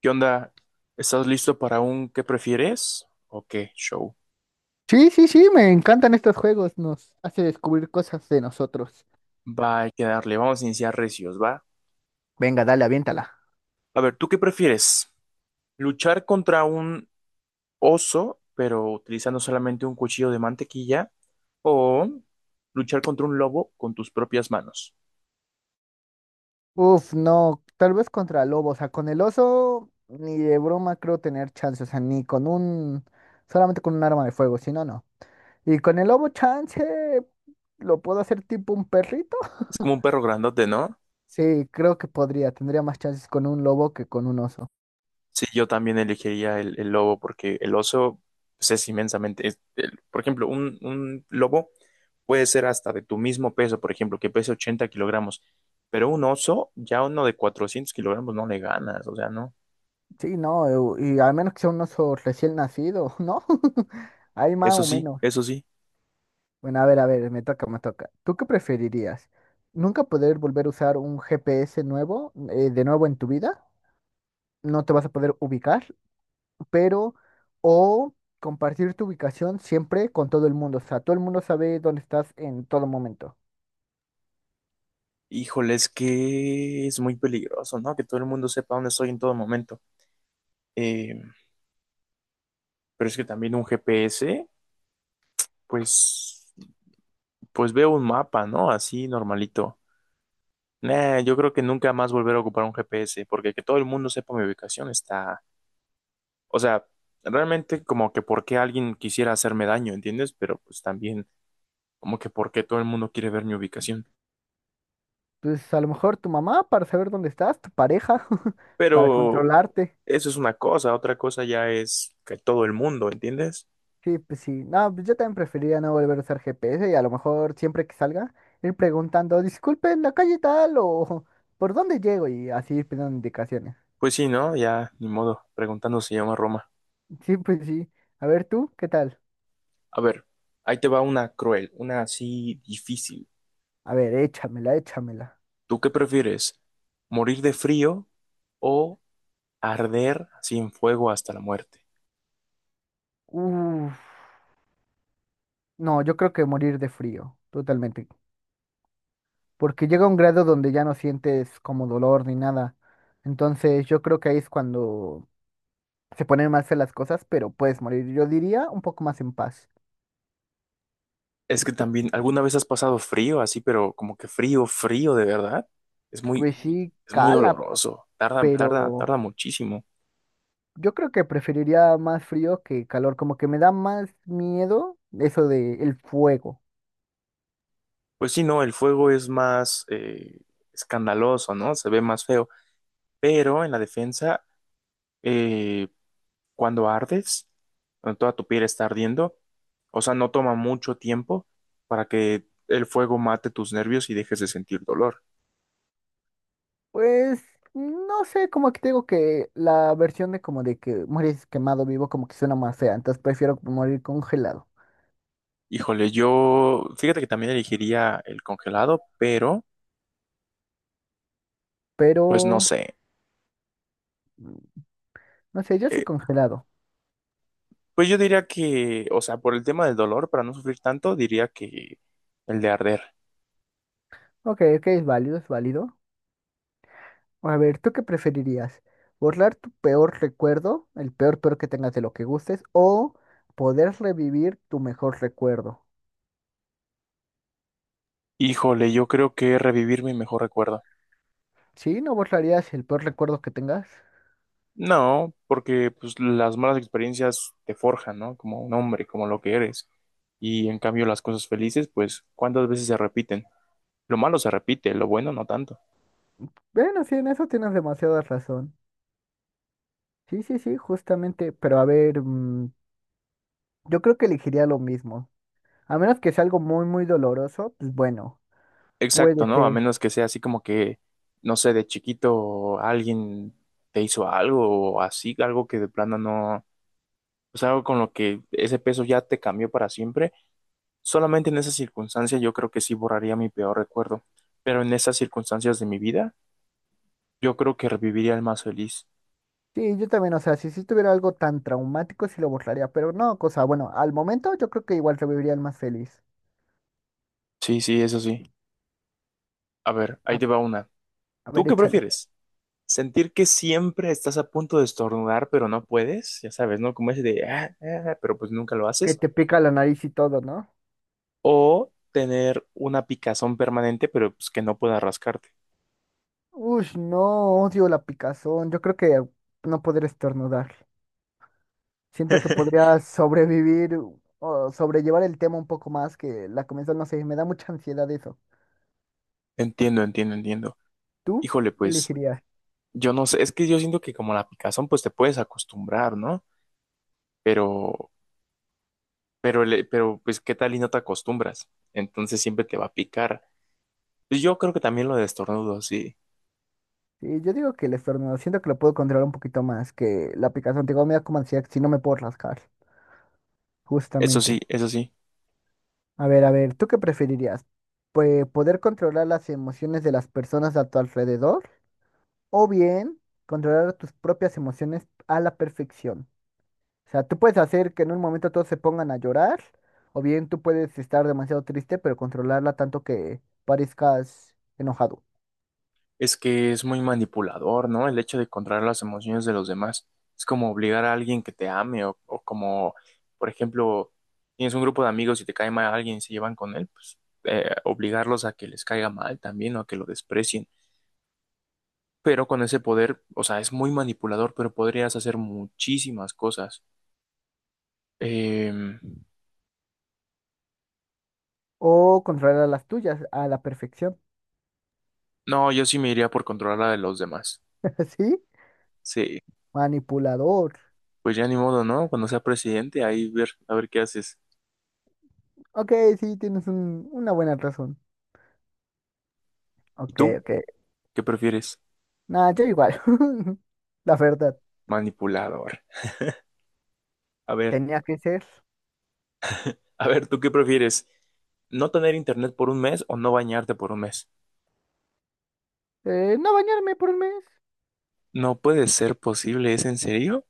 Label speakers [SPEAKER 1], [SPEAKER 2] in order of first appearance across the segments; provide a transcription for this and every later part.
[SPEAKER 1] ¿Qué onda? ¿Estás listo para un qué prefieres? ¿O qué show?
[SPEAKER 2] Sí, sí, sí, me encantan estos juegos, nos hace descubrir cosas de nosotros.
[SPEAKER 1] Va, hay que darle. Vamos a iniciar recios, ¿va?
[SPEAKER 2] Venga, dale, aviéntala.
[SPEAKER 1] A ver, ¿tú qué prefieres? ¿Luchar contra un oso, pero utilizando solamente un cuchillo de mantequilla? ¿O luchar contra un lobo con tus propias manos?
[SPEAKER 2] Uf, no, tal vez contra lobo, o sea, con el oso ni de broma creo tener chance, o sea, ni con un, solamente con un arma de fuego, si no, no. Y con el lobo chance, ¿lo puedo hacer tipo un perrito?
[SPEAKER 1] Es como un perro grandote, ¿no?
[SPEAKER 2] Sí, creo que podría, tendría más chances con un lobo que con un oso.
[SPEAKER 1] Sí, yo también elegiría el lobo porque el oso, pues, es inmensamente, por ejemplo, un lobo puede ser hasta de tu mismo peso, por ejemplo, que pese 80 kilogramos, pero un oso, ya uno de 400 kilogramos no le ganas, o sea, no,
[SPEAKER 2] Sí, no, y al menos que sea un oso recién nacido, ¿no? Hay más
[SPEAKER 1] eso
[SPEAKER 2] o
[SPEAKER 1] sí,
[SPEAKER 2] menos.
[SPEAKER 1] eso sí.
[SPEAKER 2] Bueno, a ver, me toca, me toca. ¿Tú qué preferirías? ¿Nunca poder volver a usar un GPS nuevo, de nuevo en tu vida? No te vas a poder ubicar, pero... O compartir tu ubicación siempre con todo el mundo. O sea, todo el mundo sabe dónde estás en todo momento.
[SPEAKER 1] Híjole, es que es muy peligroso, ¿no? Que todo el mundo sepa dónde estoy en todo momento. Eh, pero es que también un GPS, pues, pues veo un mapa, ¿no? Así normalito. Nah, yo creo que nunca más volver a ocupar un GPS, porque que todo el mundo sepa mi ubicación está, o sea, realmente como que por qué alguien quisiera hacerme daño, ¿entiendes? Pero pues también como que por qué todo el mundo quiere ver mi ubicación.
[SPEAKER 2] Entonces, a lo mejor tu mamá para saber dónde estás, tu pareja para
[SPEAKER 1] Pero
[SPEAKER 2] controlarte.
[SPEAKER 1] eso es una cosa, otra cosa ya es que todo el mundo, ¿entiendes?
[SPEAKER 2] Sí, pues sí. No, pues yo también preferiría no volver a usar GPS y a lo mejor siempre que salga ir preguntando, disculpen, la calle tal o por dónde llego y así ir pidiendo indicaciones.
[SPEAKER 1] Pues sí, ¿no? Ya, ni modo, preguntando si llama Roma.
[SPEAKER 2] Sí, pues sí. A ver tú, ¿qué tal?
[SPEAKER 1] A ver, ahí te va una cruel, una así difícil.
[SPEAKER 2] A ver, échamela, échamela.
[SPEAKER 1] ¿Tú qué prefieres? ¿Morir de frío o arder sin fuego hasta la muerte?
[SPEAKER 2] Uf, no, yo creo que morir de frío, totalmente. Porque llega un grado donde ya no sientes como dolor ni nada. Entonces yo creo que ahí es cuando se ponen más feas las cosas, pero puedes morir, yo diría, un poco más en paz.
[SPEAKER 1] Es que también, ¿alguna vez has pasado frío así, pero como que frío, frío de verdad? Es muy,
[SPEAKER 2] Pues sí,
[SPEAKER 1] es muy
[SPEAKER 2] cala. Ah,
[SPEAKER 1] doloroso. Tarda, tarda, tarda
[SPEAKER 2] pero...
[SPEAKER 1] muchísimo.
[SPEAKER 2] Yo creo que preferiría más frío que calor, como que me da más miedo eso de el fuego.
[SPEAKER 1] Pues sí, no, el fuego es más escandaloso, ¿no? Se ve más feo. Pero en la defensa, eh, cuando ardes, cuando toda tu piel está ardiendo, o sea, no toma mucho tiempo para que el fuego mate tus nervios y dejes de sentir dolor.
[SPEAKER 2] Pues no sé, como que te digo que la versión de como de que mueres quemado vivo como que suena más fea, entonces prefiero morir congelado.
[SPEAKER 1] Híjole, yo, fíjate que también elegiría el congelado, pero pues no
[SPEAKER 2] Pero
[SPEAKER 1] sé.
[SPEAKER 2] no sé, yo sí congelado.
[SPEAKER 1] Pues yo diría que, o sea, por el tema del dolor, para no sufrir tanto, diría que el de arder.
[SPEAKER 2] Ok, ok, es válido, es válido. A ver, ¿tú qué preferirías? ¿Borrar tu peor recuerdo, el peor peor que tengas de lo que gustes, o poder revivir tu mejor recuerdo?
[SPEAKER 1] Híjole, yo creo que revivir mi mejor recuerdo.
[SPEAKER 2] ¿Sí? ¿No borrarías el peor recuerdo que tengas?
[SPEAKER 1] No, porque pues las malas experiencias te forjan, ¿no? Como un hombre, como lo que eres. Y en cambio las cosas felices, pues, ¿cuántas veces se repiten? Lo malo se repite, lo bueno no tanto.
[SPEAKER 2] Bueno, sí, en eso tienes demasiada razón. Sí, sí, sí, justamente, pero a ver, yo creo que elegiría lo mismo. A menos que sea algo muy, muy doloroso, pues bueno, puede
[SPEAKER 1] Exacto, ¿no? A menos
[SPEAKER 2] ser.
[SPEAKER 1] que sea así como que, no sé, de chiquito alguien te hizo algo o así, algo que de plano no, pues algo con lo que ese peso ya te cambió para siempre. Solamente en esa circunstancia yo creo que sí borraría mi peor recuerdo, pero en esas circunstancias de mi vida, yo creo que reviviría el más feliz.
[SPEAKER 2] Sí, yo también, o sea, si tuviera algo tan traumático, sí lo borraría, pero no, cosa, bueno, al momento yo creo que igual reviviría el más feliz.
[SPEAKER 1] Sí, sí, eso sí. A ver,
[SPEAKER 2] A,
[SPEAKER 1] ahí te va una.
[SPEAKER 2] a
[SPEAKER 1] ¿Tú
[SPEAKER 2] ver,
[SPEAKER 1] qué
[SPEAKER 2] échale.
[SPEAKER 1] prefieres? ¿Sentir que siempre estás a punto de estornudar, pero no puedes? Ya sabes, ¿no? Como ese de, "Ah, ah", pero pues nunca lo
[SPEAKER 2] Que
[SPEAKER 1] haces.
[SPEAKER 2] te pica la nariz y todo, ¿no?
[SPEAKER 1] ¿O tener una picazón permanente, pero pues que no puedas rascarte?
[SPEAKER 2] Uy, no, odio la picazón, yo creo que no poder estornudar. Siento que podría sobrevivir o sobrellevar el tema un poco más que la comenzón, no sé, me da mucha ansiedad eso.
[SPEAKER 1] Entiendo, entiendo, entiendo.
[SPEAKER 2] ¿Tú
[SPEAKER 1] Híjole,
[SPEAKER 2] qué
[SPEAKER 1] pues
[SPEAKER 2] elegirías?
[SPEAKER 1] yo no sé, es que yo siento que como la picazón, pues te puedes acostumbrar, ¿no? Pero Pero, pero pues, ¿qué tal y no te acostumbras? Entonces siempre te va a picar. Pues yo creo que también lo de estornudo, sí.
[SPEAKER 2] Sí, yo digo que el estornudo, siento que lo puedo controlar un poquito más que la picazón. Te digo, me da como ansiedad si no me puedo rascar,
[SPEAKER 1] Eso
[SPEAKER 2] justamente.
[SPEAKER 1] sí, eso sí.
[SPEAKER 2] A ver, ¿tú qué preferirías? Pues poder controlar las emociones de las personas a tu alrededor o bien controlar tus propias emociones a la perfección. O sea, tú puedes hacer que en un momento todos se pongan a llorar, o bien tú puedes estar demasiado triste, pero controlarla tanto que parezcas enojado.
[SPEAKER 1] Es que es muy manipulador, ¿no? El hecho de controlar las emociones de los demás. Es como obligar a alguien que te ame o como, por ejemplo, tienes un grupo de amigos y te cae mal alguien y se llevan con él, pues obligarlos a que les caiga mal también o a que lo desprecien. Pero con ese poder, o sea, es muy manipulador, pero podrías hacer muchísimas cosas. Em,
[SPEAKER 2] O controlar las tuyas a la perfección.
[SPEAKER 1] No, yo sí me iría por controlar a los demás.
[SPEAKER 2] ¿Sí?
[SPEAKER 1] Sí,
[SPEAKER 2] Manipulador.
[SPEAKER 1] pues ya ni modo, ¿no? Cuando sea presidente, ahí ver, a ver qué haces.
[SPEAKER 2] Ok, sí, una buena razón.
[SPEAKER 1] ¿Y
[SPEAKER 2] Ok,
[SPEAKER 1] tú?
[SPEAKER 2] ok.
[SPEAKER 1] ¿Qué prefieres?
[SPEAKER 2] Nada, yo igual. La verdad,
[SPEAKER 1] Manipulador. A ver,
[SPEAKER 2] tenía que ser.
[SPEAKER 1] a ver, ¿tú qué prefieres? ¿No tener internet por un mes o no bañarte por un mes?
[SPEAKER 2] No bañarme por 1 mes.
[SPEAKER 1] No puede ser posible, ¿es en serio?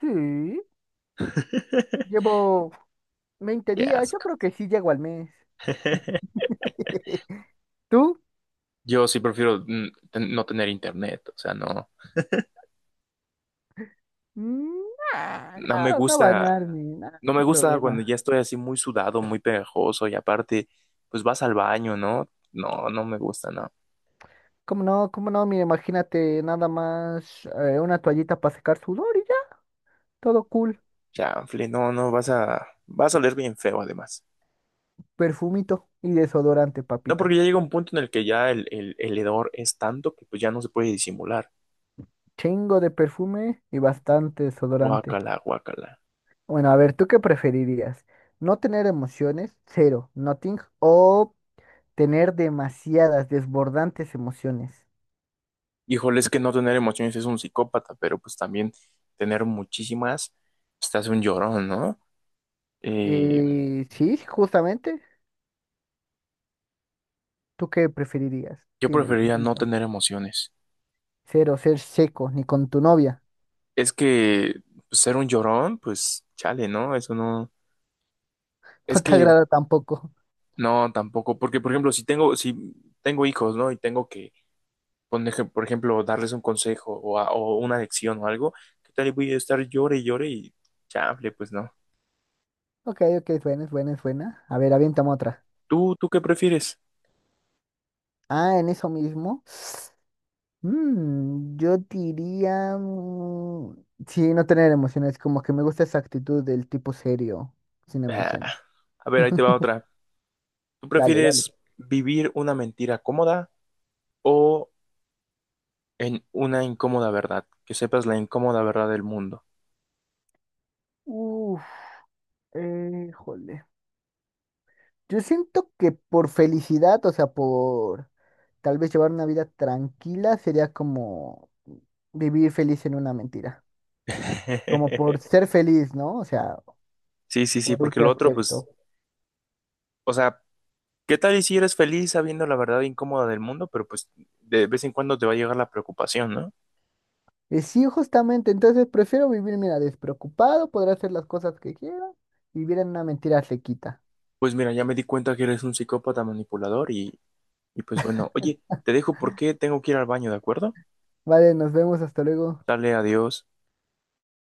[SPEAKER 2] Sí. Llevo 20
[SPEAKER 1] Qué
[SPEAKER 2] días. Yo
[SPEAKER 1] asco.
[SPEAKER 2] creo que sí llego al mes. ¿Tú?
[SPEAKER 1] Yo sí prefiero no tener internet, o sea, no,
[SPEAKER 2] Mm, Nah,
[SPEAKER 1] no me
[SPEAKER 2] no, no
[SPEAKER 1] gusta,
[SPEAKER 2] bañarme, nada, no
[SPEAKER 1] no me
[SPEAKER 2] hay
[SPEAKER 1] gusta cuando ya
[SPEAKER 2] problema.
[SPEAKER 1] estoy así muy sudado, muy pegajoso y aparte, pues vas al baño, ¿no? No, no me gusta, no.
[SPEAKER 2] ¿Cómo no? ¿Cómo no? Mira, imagínate nada más una toallita para secar sudor y ya, todo cool.
[SPEAKER 1] Chanfle, no, no, vas a oler bien feo además.
[SPEAKER 2] Perfumito y desodorante,
[SPEAKER 1] No, porque
[SPEAKER 2] papito.
[SPEAKER 1] ya llega un punto en el que ya el hedor es tanto que pues ya no se puede disimular.
[SPEAKER 2] Chingo de perfume y bastante desodorante.
[SPEAKER 1] Guácala, guácala.
[SPEAKER 2] Bueno, a ver, ¿tú qué preferirías? ¿No tener emociones? Cero, nothing. ¿O tener demasiadas, desbordantes emociones?
[SPEAKER 1] Híjole, es que no tener emociones es un psicópata, pero pues también tener muchísimas, pues te hace un llorón, ¿no? Eh,
[SPEAKER 2] Sí, justamente. ¿Tú qué preferirías?
[SPEAKER 1] yo
[SPEAKER 2] Dímelo,
[SPEAKER 1] preferiría no
[SPEAKER 2] dímelo.
[SPEAKER 1] tener emociones.
[SPEAKER 2] Cero, ser seco, ni con tu novia.
[SPEAKER 1] Es que pues, ser un llorón, pues chale, ¿no? Eso no.
[SPEAKER 2] No
[SPEAKER 1] Es
[SPEAKER 2] te
[SPEAKER 1] que
[SPEAKER 2] agrada tampoco.
[SPEAKER 1] no, tampoco, porque por ejemplo, si tengo hijos, ¿no? Y tengo que por ejemplo, darles un consejo o una lección o algo, ¿qué tal? Y voy a estar llore y llore y chable, pues no.
[SPEAKER 2] Ok, ok, es buena, es buena, es buena. A ver, aviéntame otra.
[SPEAKER 1] ¿Tú qué prefieres?
[SPEAKER 2] Ah, en eso mismo. Yo diría... sí, no tener emociones. Como que me gusta esa actitud del tipo serio, sin
[SPEAKER 1] Ah,
[SPEAKER 2] emoción.
[SPEAKER 1] a ver, ahí te va otra. ¿Tú
[SPEAKER 2] Dale, dale.
[SPEAKER 1] prefieres vivir una mentira cómoda o en una incómoda verdad? Que sepas la incómoda verdad del mundo.
[SPEAKER 2] Uf, jole. Yo siento que por felicidad, o sea, por tal vez llevar una vida tranquila, sería como vivir feliz en una mentira. Como por ser feliz, ¿no? O sea,
[SPEAKER 1] Sí,
[SPEAKER 2] por
[SPEAKER 1] porque
[SPEAKER 2] ese
[SPEAKER 1] lo otro, pues,
[SPEAKER 2] aspecto.
[SPEAKER 1] o sea, ¿qué tal y si eres feliz sabiendo la verdad incómoda del mundo? Pero pues de vez en cuando te va a llegar la preocupación, ¿no?
[SPEAKER 2] Y sí, justamente, entonces prefiero vivir, mira, despreocupado, poder hacer las cosas que quiera, vivir en una mentira sequita.
[SPEAKER 1] Pues mira, ya me di cuenta que eres un psicópata manipulador y pues bueno, oye, te dejo porque tengo que ir al baño, ¿de acuerdo?
[SPEAKER 2] Vale, nos vemos, hasta luego.
[SPEAKER 1] Dale, adiós.